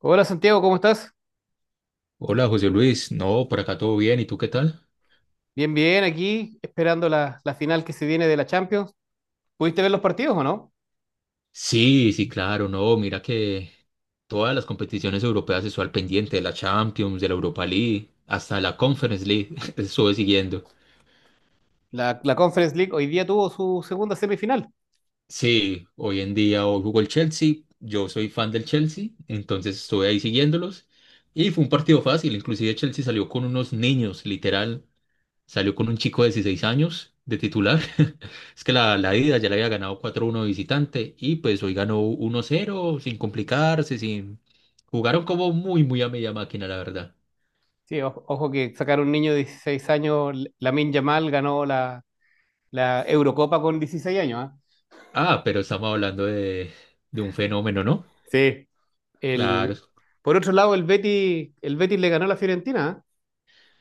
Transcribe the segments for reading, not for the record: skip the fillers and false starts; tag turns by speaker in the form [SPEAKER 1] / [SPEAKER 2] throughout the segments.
[SPEAKER 1] Hola Santiago, ¿cómo estás?
[SPEAKER 2] Hola José Luis, no, por acá todo bien, ¿y tú qué tal?
[SPEAKER 1] Bien, bien, aquí esperando la final que se viene de la Champions. ¿Pudiste ver los partidos o no?
[SPEAKER 2] Sí, sí, claro, no, mira que todas las competiciones europeas estoy al pendiente, de la Champions, de la Europa League, hasta la Conference League, estuve siguiendo.
[SPEAKER 1] La Conference League hoy día tuvo su segunda semifinal.
[SPEAKER 2] Sí, hoy en día hoy jugó el Chelsea, yo soy fan del Chelsea, entonces estuve ahí siguiéndolos y fue un partido fácil, inclusive Chelsea salió con unos niños, literal. Salió con un chico de 16 años de titular. Es que la ida ya le había ganado 4-1 de visitante y pues hoy ganó 1-0 sin complicarse, sin... Jugaron como muy, muy a media máquina, la verdad.
[SPEAKER 1] Sí, ojo que sacar un niño de 16 años, Lamine Yamal ganó la Eurocopa con 16 años, ¿ah?
[SPEAKER 2] Ah, pero estamos hablando de, un fenómeno, ¿no?
[SPEAKER 1] Sí. El,
[SPEAKER 2] Claro.
[SPEAKER 1] por otro lado, el Betis le ganó a la Fiorentina, ¿ah?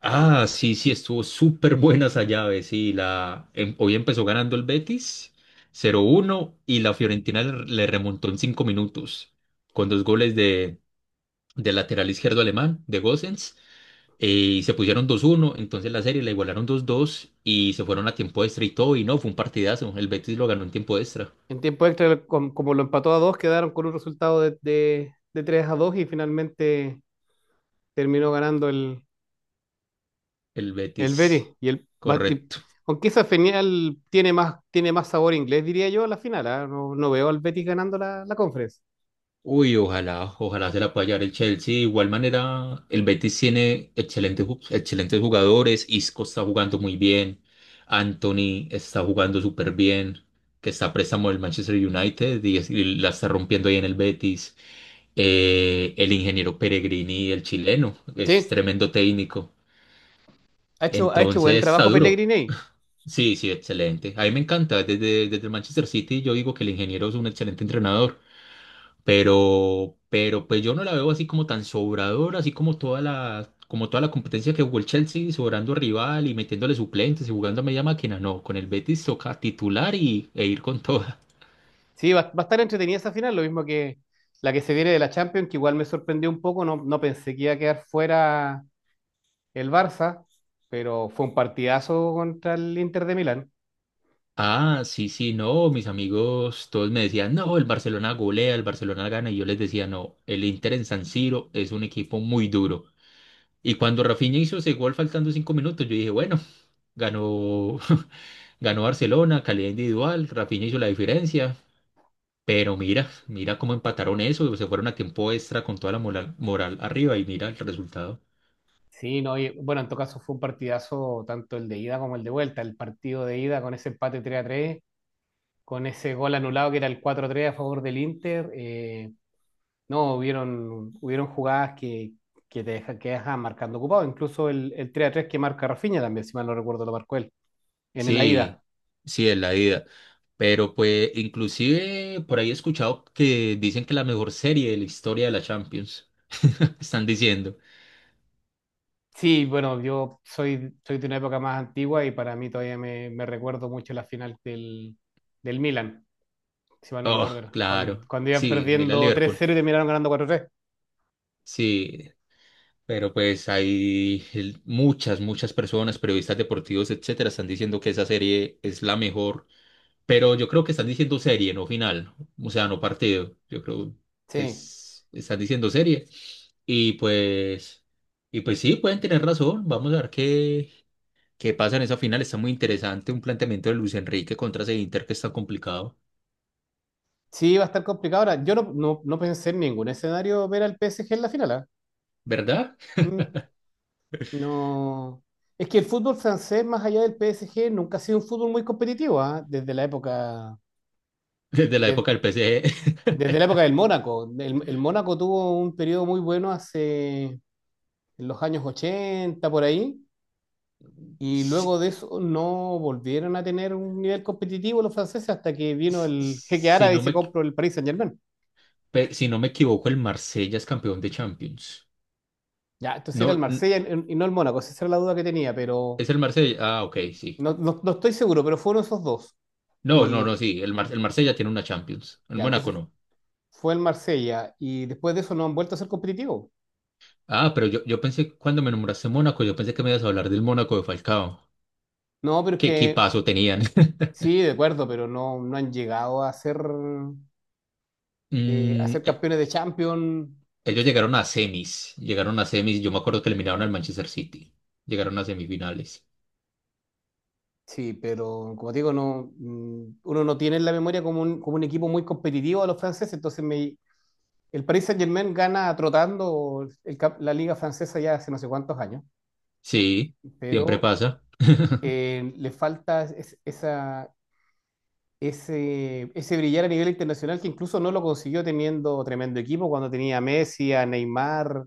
[SPEAKER 2] Ah, sí, sí, estuvo súper buena esa llave, sí. Hoy empezó ganando el Betis 0-1 y la Fiorentina le remontó en 5 minutos con dos goles del lateral izquierdo alemán, de Gosens. Y se pusieron 2-1, entonces la serie la igualaron 2-2 y se fueron a tiempo extra y todo, y no, fue un partidazo. El Betis lo ganó en tiempo extra.
[SPEAKER 1] En tiempo extra, como lo empató a dos, quedaron con un resultado de 3 a 2 y finalmente terminó ganando
[SPEAKER 2] El
[SPEAKER 1] el Betis.
[SPEAKER 2] Betis,
[SPEAKER 1] Y
[SPEAKER 2] correcto.
[SPEAKER 1] aunque esa final tiene más sabor inglés, diría yo, a la final, ¿ah? No, no veo al Betis ganando la Conference.
[SPEAKER 2] Uy, ojalá, ojalá se la pueda llevar el Chelsea. De igual manera, el Betis tiene excelentes, excelentes jugadores. Isco está jugando muy bien. Anthony está jugando súper bien. Que está a préstamo del Manchester United y, y la está rompiendo ahí en el Betis. El ingeniero Peregrini, el chileno, es
[SPEAKER 1] Sí,
[SPEAKER 2] tremendo técnico.
[SPEAKER 1] ha hecho buen
[SPEAKER 2] Entonces está
[SPEAKER 1] trabajo
[SPEAKER 2] duro.
[SPEAKER 1] Pellegrini ahí.
[SPEAKER 2] Sí, sí, excelente. A mí me encanta. Desde, desde el Manchester City yo digo que el ingeniero es un excelente entrenador, pero pues yo no la veo así como tan sobradora, así como toda la competencia que jugó el Chelsea, sobrando rival y metiéndole suplentes y jugando a media máquina. No, con el Betis toca titular y, e ir con toda.
[SPEAKER 1] Sí, va a estar entretenida esa final, lo mismo que la que se viene de la Champions, que igual me sorprendió un poco. No, no pensé que iba a quedar fuera el Barça, pero fue un partidazo contra el Inter de Milán.
[SPEAKER 2] Ah, sí, sí, no, mis amigos todos me decían, no, el Barcelona golea, el Barcelona gana, y yo les decía, no, el Inter en San Siro es un equipo muy duro. Y cuando Rafinha hizo ese gol faltando 5 minutos, yo dije, bueno, ganó, ganó Barcelona, calidad individual, Rafinha hizo la diferencia. Pero mira, mira cómo empataron eso, se fueron a tiempo extra con toda la moral, arriba y mira el resultado.
[SPEAKER 1] Sí, no, y, bueno, en todo caso fue un partidazo tanto el de ida como el de vuelta. El partido de ida con ese empate 3 a tres, con ese gol anulado que era el cuatro tres a favor del Inter. No, hubieron jugadas que te dejan, que dejan marcando ocupado. Incluso el tres a tres que marca Rafinha también, si mal no recuerdo, lo marcó él en el ida.
[SPEAKER 2] Sí, sí, es la ida. Pero pues inclusive por ahí he escuchado que dicen que la mejor serie de la historia de la Champions. Están diciendo.
[SPEAKER 1] Sí, bueno, yo soy de una época más antigua y para mí todavía me recuerdo mucho la final del Milan, si mal no
[SPEAKER 2] Oh,
[SPEAKER 1] recuerdo era. Cuando,
[SPEAKER 2] claro.
[SPEAKER 1] cuando iban
[SPEAKER 2] Sí, mira
[SPEAKER 1] perdiendo tres
[SPEAKER 2] Liverpool.
[SPEAKER 1] cero y terminaron ganando cuatro tres.
[SPEAKER 2] Sí, pero pues muchas, muchas personas, periodistas deportivos, etcétera, están diciendo que esa serie es la mejor. Pero yo creo que están diciendo serie, no final. O sea, no partido. Yo creo que
[SPEAKER 1] Sí,
[SPEAKER 2] están diciendo serie. Y pues, sí, pueden tener razón. Vamos a ver qué pasa en esa final. Está muy interesante un planteamiento de Luis Enrique contra ese Inter que está complicado,
[SPEAKER 1] sí, va a estar complicado. Ahora, yo no pensé en ningún escenario ver al PSG en la final, ¿ah?
[SPEAKER 2] ¿verdad?
[SPEAKER 1] Mm, no. Es que el fútbol francés, más allá del PSG, nunca ha sido un fútbol muy competitivo, ¿ah?
[SPEAKER 2] Desde la
[SPEAKER 1] De-
[SPEAKER 2] época del PSG.
[SPEAKER 1] desde la época del Mónaco. El Mónaco tuvo un periodo muy bueno hace en los años 80 por ahí, y
[SPEAKER 2] Si,
[SPEAKER 1] luego de eso no volvieron a tener un nivel competitivo los franceses hasta que vino
[SPEAKER 2] si-
[SPEAKER 1] el jeque
[SPEAKER 2] si
[SPEAKER 1] árabe y
[SPEAKER 2] no
[SPEAKER 1] se
[SPEAKER 2] me,
[SPEAKER 1] compró el Paris Saint-Germain.
[SPEAKER 2] Si no me equivoco, el Marsella es campeón de Champions.
[SPEAKER 1] Ya, entonces era el
[SPEAKER 2] No,
[SPEAKER 1] Marsella y no el Mónaco, esa era la duda que tenía, pero
[SPEAKER 2] es el Marsella. Ah, ok, sí.
[SPEAKER 1] no, no estoy seguro, pero fueron esos dos.
[SPEAKER 2] No, no, no,
[SPEAKER 1] Y
[SPEAKER 2] sí. El, el Marsella tiene una Champions. El
[SPEAKER 1] ya,
[SPEAKER 2] Mónaco
[SPEAKER 1] entonces
[SPEAKER 2] no.
[SPEAKER 1] fue el Marsella y después de eso no han vuelto a ser competitivos.
[SPEAKER 2] Ah, pero yo pensé, cuando me nombraste Mónaco, yo pensé que me ibas a hablar del Mónaco de Falcao.
[SPEAKER 1] No, pero es
[SPEAKER 2] ¿Qué
[SPEAKER 1] que
[SPEAKER 2] equipazo tenían?
[SPEAKER 1] sí, de acuerdo, pero no, no han llegado a ser, eh, a
[SPEAKER 2] Mm,
[SPEAKER 1] ser
[SPEAKER 2] e-
[SPEAKER 1] campeones de Champions.
[SPEAKER 2] Ellos llegaron a semis. Llegaron a semis. Yo me acuerdo que eliminaron al Manchester City. Llegaron a semifinales.
[SPEAKER 1] Sí, pero como te digo, no, uno no tiene en la memoria como un, equipo muy competitivo a los franceses, entonces el Paris Saint-Germain gana trotando la liga francesa ya hace no sé cuántos años,
[SPEAKER 2] Sí, siempre
[SPEAKER 1] pero
[SPEAKER 2] pasa.
[SPEAKER 1] le falta ese brillar a nivel internacional que incluso no lo consiguió teniendo tremendo equipo cuando tenía a Messi, a Neymar.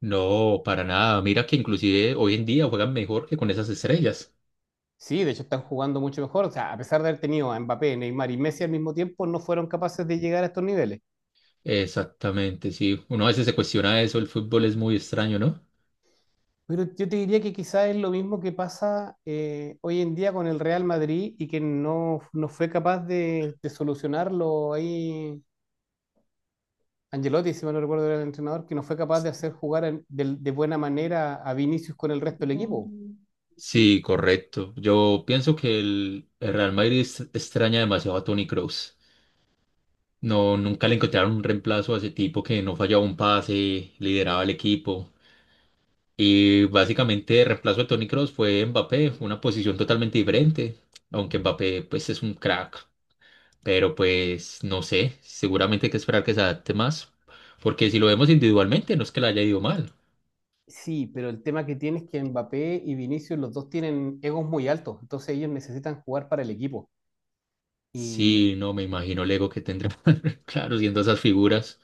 [SPEAKER 2] No, para nada. Mira que inclusive hoy en día juegan mejor que con esas estrellas.
[SPEAKER 1] Sí, de hecho están jugando mucho mejor. O sea, a pesar de haber tenido a Mbappé, Neymar y Messi al mismo tiempo, no fueron capaces de llegar a estos niveles.
[SPEAKER 2] Exactamente, sí. Uno a veces se cuestiona eso, el fútbol es muy extraño, ¿no?
[SPEAKER 1] Pero yo te diría que quizás es lo mismo que pasa, hoy en día con el Real Madrid y que no fue capaz de solucionarlo ahí. Angelotti, si mal no recuerdo, era el entrenador que no fue capaz de hacer jugar de buena manera a Vinicius con el resto del equipo.
[SPEAKER 2] Sí, correcto. Yo pienso que el Real Madrid extraña demasiado a Toni Kroos. No, nunca le encontraron un reemplazo a ese tipo que no fallaba un pase, lideraba el equipo. Y básicamente el reemplazo de Toni Kroos fue Mbappé, una posición totalmente diferente, aunque Mbappé pues es un crack. Pero pues no sé, seguramente hay que esperar que se adapte más, porque si lo vemos individualmente no es que le haya ido mal.
[SPEAKER 1] Sí, pero el tema que tiene es que Mbappé y Vinicius, los dos tienen egos muy altos, entonces ellos necesitan jugar para el equipo. Y,
[SPEAKER 2] Sí, no, me imagino el ego que tendrá. Claro, siendo esas figuras.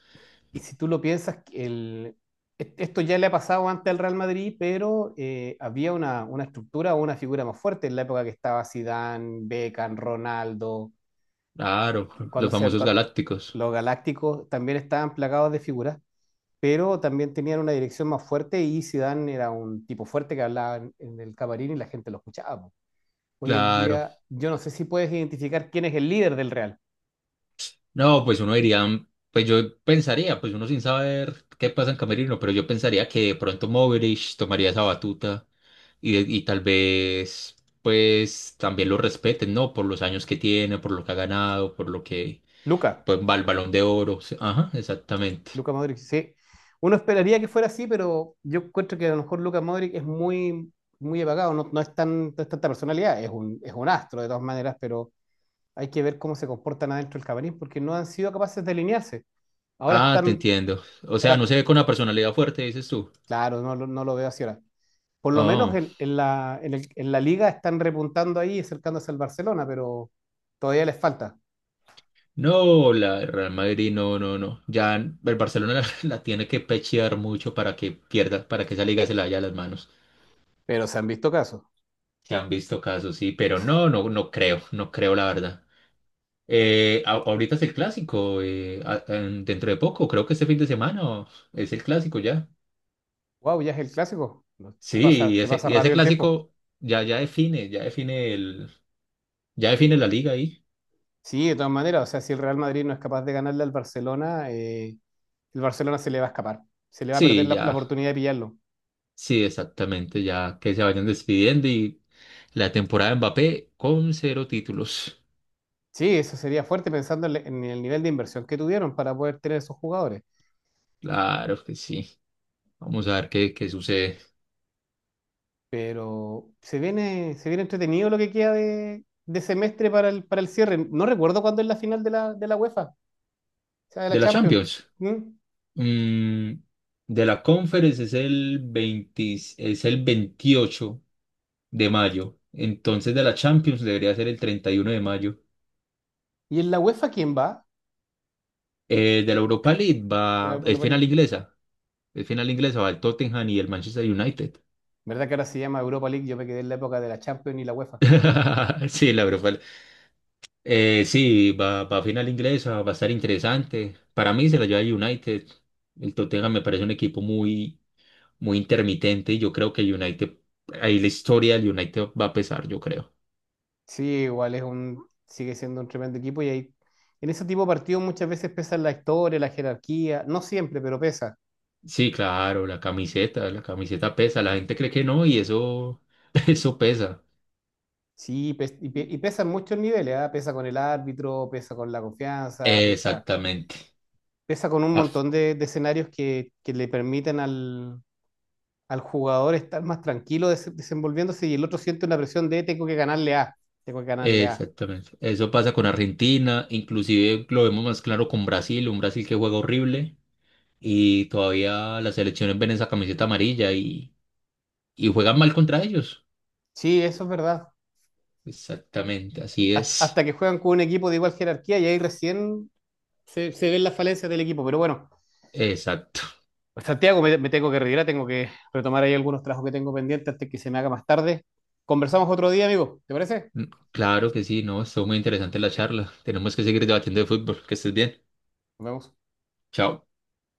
[SPEAKER 1] y si tú lo piensas, que esto ya le ha pasado antes al Real Madrid, pero había una estructura o una figura más fuerte en la época que estaba Zidane, Beckham, Ronaldo,
[SPEAKER 2] Claro,
[SPEAKER 1] que cuando
[SPEAKER 2] los
[SPEAKER 1] se,
[SPEAKER 2] famosos
[SPEAKER 1] cuan-
[SPEAKER 2] galácticos.
[SPEAKER 1] los galácticos también estaban plagados de figuras, pero también tenían una dirección más fuerte y Zidane era un tipo fuerte que hablaba en el camarín y la gente lo escuchaba. Hoy en
[SPEAKER 2] Claro.
[SPEAKER 1] día, yo no sé si puedes identificar quién es el líder del Real.
[SPEAKER 2] No, pues uno diría, pues yo pensaría, pues uno sin saber qué pasa en Camerino, pero yo pensaría que de pronto Moverich tomaría esa batuta y tal vez, pues también lo respeten, ¿no? Por los años que tiene, por lo que ha ganado, por lo que,
[SPEAKER 1] Luca,
[SPEAKER 2] pues va al Balón de Oro. Sí, ajá, exactamente.
[SPEAKER 1] Luca Modric, sí. Uno esperaría que fuera así, pero yo encuentro que a lo mejor Luca Modric es muy, muy apagado, no, no es tanta personalidad, es un astro de todas maneras, pero hay que ver cómo se comportan adentro del camarín porque no han sido capaces de alinearse. Ahora
[SPEAKER 2] Ah, te
[SPEAKER 1] están,
[SPEAKER 2] entiendo. O sea, no
[SPEAKER 1] ahora,
[SPEAKER 2] se ve con una personalidad fuerte, dices tú.
[SPEAKER 1] claro, no, no lo veo así ahora. Por lo menos
[SPEAKER 2] Ah.
[SPEAKER 1] en la liga están repuntando ahí y acercándose al Barcelona, pero todavía les falta.
[SPEAKER 2] No, la el Real Madrid, no, no, no. Ya el Barcelona la, tiene que pechear mucho para que pierda, para que esa liga se la haya a las manos.
[SPEAKER 1] Pero se han visto casos.
[SPEAKER 2] Se han visto casos, sí, pero no, no, no creo, no creo la verdad. Ahorita es el clásico, dentro de poco, creo que este fin de semana es el clásico ya.
[SPEAKER 1] Wow, ya es el clásico. No. Se pasa,
[SPEAKER 2] Sí, y
[SPEAKER 1] se
[SPEAKER 2] ese,
[SPEAKER 1] pasa
[SPEAKER 2] y ese
[SPEAKER 1] rápido el tiempo.
[SPEAKER 2] clásico ya, ya define el, ya define la liga ahí.
[SPEAKER 1] Sí, de todas maneras, o sea, si el Real Madrid no es capaz de ganarle al Barcelona, el Barcelona se le va a escapar. Se le va a perder
[SPEAKER 2] Sí,
[SPEAKER 1] la
[SPEAKER 2] ya,
[SPEAKER 1] oportunidad de pillarlo.
[SPEAKER 2] sí, exactamente, ya que se vayan despidiendo y la temporada de Mbappé con cero títulos.
[SPEAKER 1] Sí, eso sería fuerte pensando en el nivel de inversión que tuvieron para poder tener esos jugadores.
[SPEAKER 2] Claro que sí. Vamos a ver qué sucede.
[SPEAKER 1] Pero se viene entretenido lo que queda de semestre para para el cierre. No recuerdo cuándo es la final de la UEFA, o sea, de
[SPEAKER 2] De
[SPEAKER 1] la
[SPEAKER 2] la
[SPEAKER 1] Champions.
[SPEAKER 2] Champions.
[SPEAKER 1] ¿Mm?
[SPEAKER 2] mm, de la Conference es el 20, es el 28 de mayo. Entonces de la Champions debería ser el 31 de mayo.
[SPEAKER 1] ¿Y en la UEFA quién va?
[SPEAKER 2] De la Europa League
[SPEAKER 1] Ya la-
[SPEAKER 2] va, es final
[SPEAKER 1] la-
[SPEAKER 2] inglesa. Es final inglesa, va el Tottenham y el Manchester United.
[SPEAKER 1] ¿Verdad que ahora se llama Europa League? Yo me quedé en la época de la Champions y la UEFA.
[SPEAKER 2] Sí, la Europa. Sí, va a final inglesa, va a estar interesante. Para mí se la lleva el United. El Tottenham me parece un equipo muy, muy intermitente y yo creo que el United, ahí la historia del United va a pesar, yo creo.
[SPEAKER 1] Sí, igual sigue siendo un tremendo equipo y ahí, en ese tipo de partidos muchas veces pesan la historia, la jerarquía, no siempre, pero pesa.
[SPEAKER 2] Sí, claro, la camiseta pesa, la gente cree que no y eso, eso pesa.
[SPEAKER 1] Sí, pesa en muchos niveles, ¿ah? Pesa con el árbitro, pesa con la confianza, pesa,
[SPEAKER 2] Exactamente.
[SPEAKER 1] pesa con un
[SPEAKER 2] Ah,
[SPEAKER 1] montón de escenarios que le permiten al jugador estar más tranquilo desenvolviéndose y el otro siente una presión de tengo que ganarle A, tengo que ganarle A.
[SPEAKER 2] exactamente. Eso pasa con Argentina, inclusive lo vemos más claro con Brasil, un Brasil que juega horrible. Y todavía las selecciones ven esa camiseta amarilla y juegan mal contra ellos.
[SPEAKER 1] Sí, eso es verdad.
[SPEAKER 2] Exactamente, así es.
[SPEAKER 1] Hasta que juegan con un equipo de igual jerarquía y ahí recién se ven las falencias del equipo, pero bueno.
[SPEAKER 2] Exacto.
[SPEAKER 1] Pues, Santiago, me tengo que retirar, tengo que retomar ahí algunos trabajos que tengo pendientes antes que se me haga más tarde. Conversamos otro día, amigo. ¿Te parece?
[SPEAKER 2] Mm, Claro que sí, no, estuvo muy interesante la charla. Tenemos que seguir debatiendo de fútbol. Que estés bien.
[SPEAKER 1] Nos vemos.
[SPEAKER 2] Chao.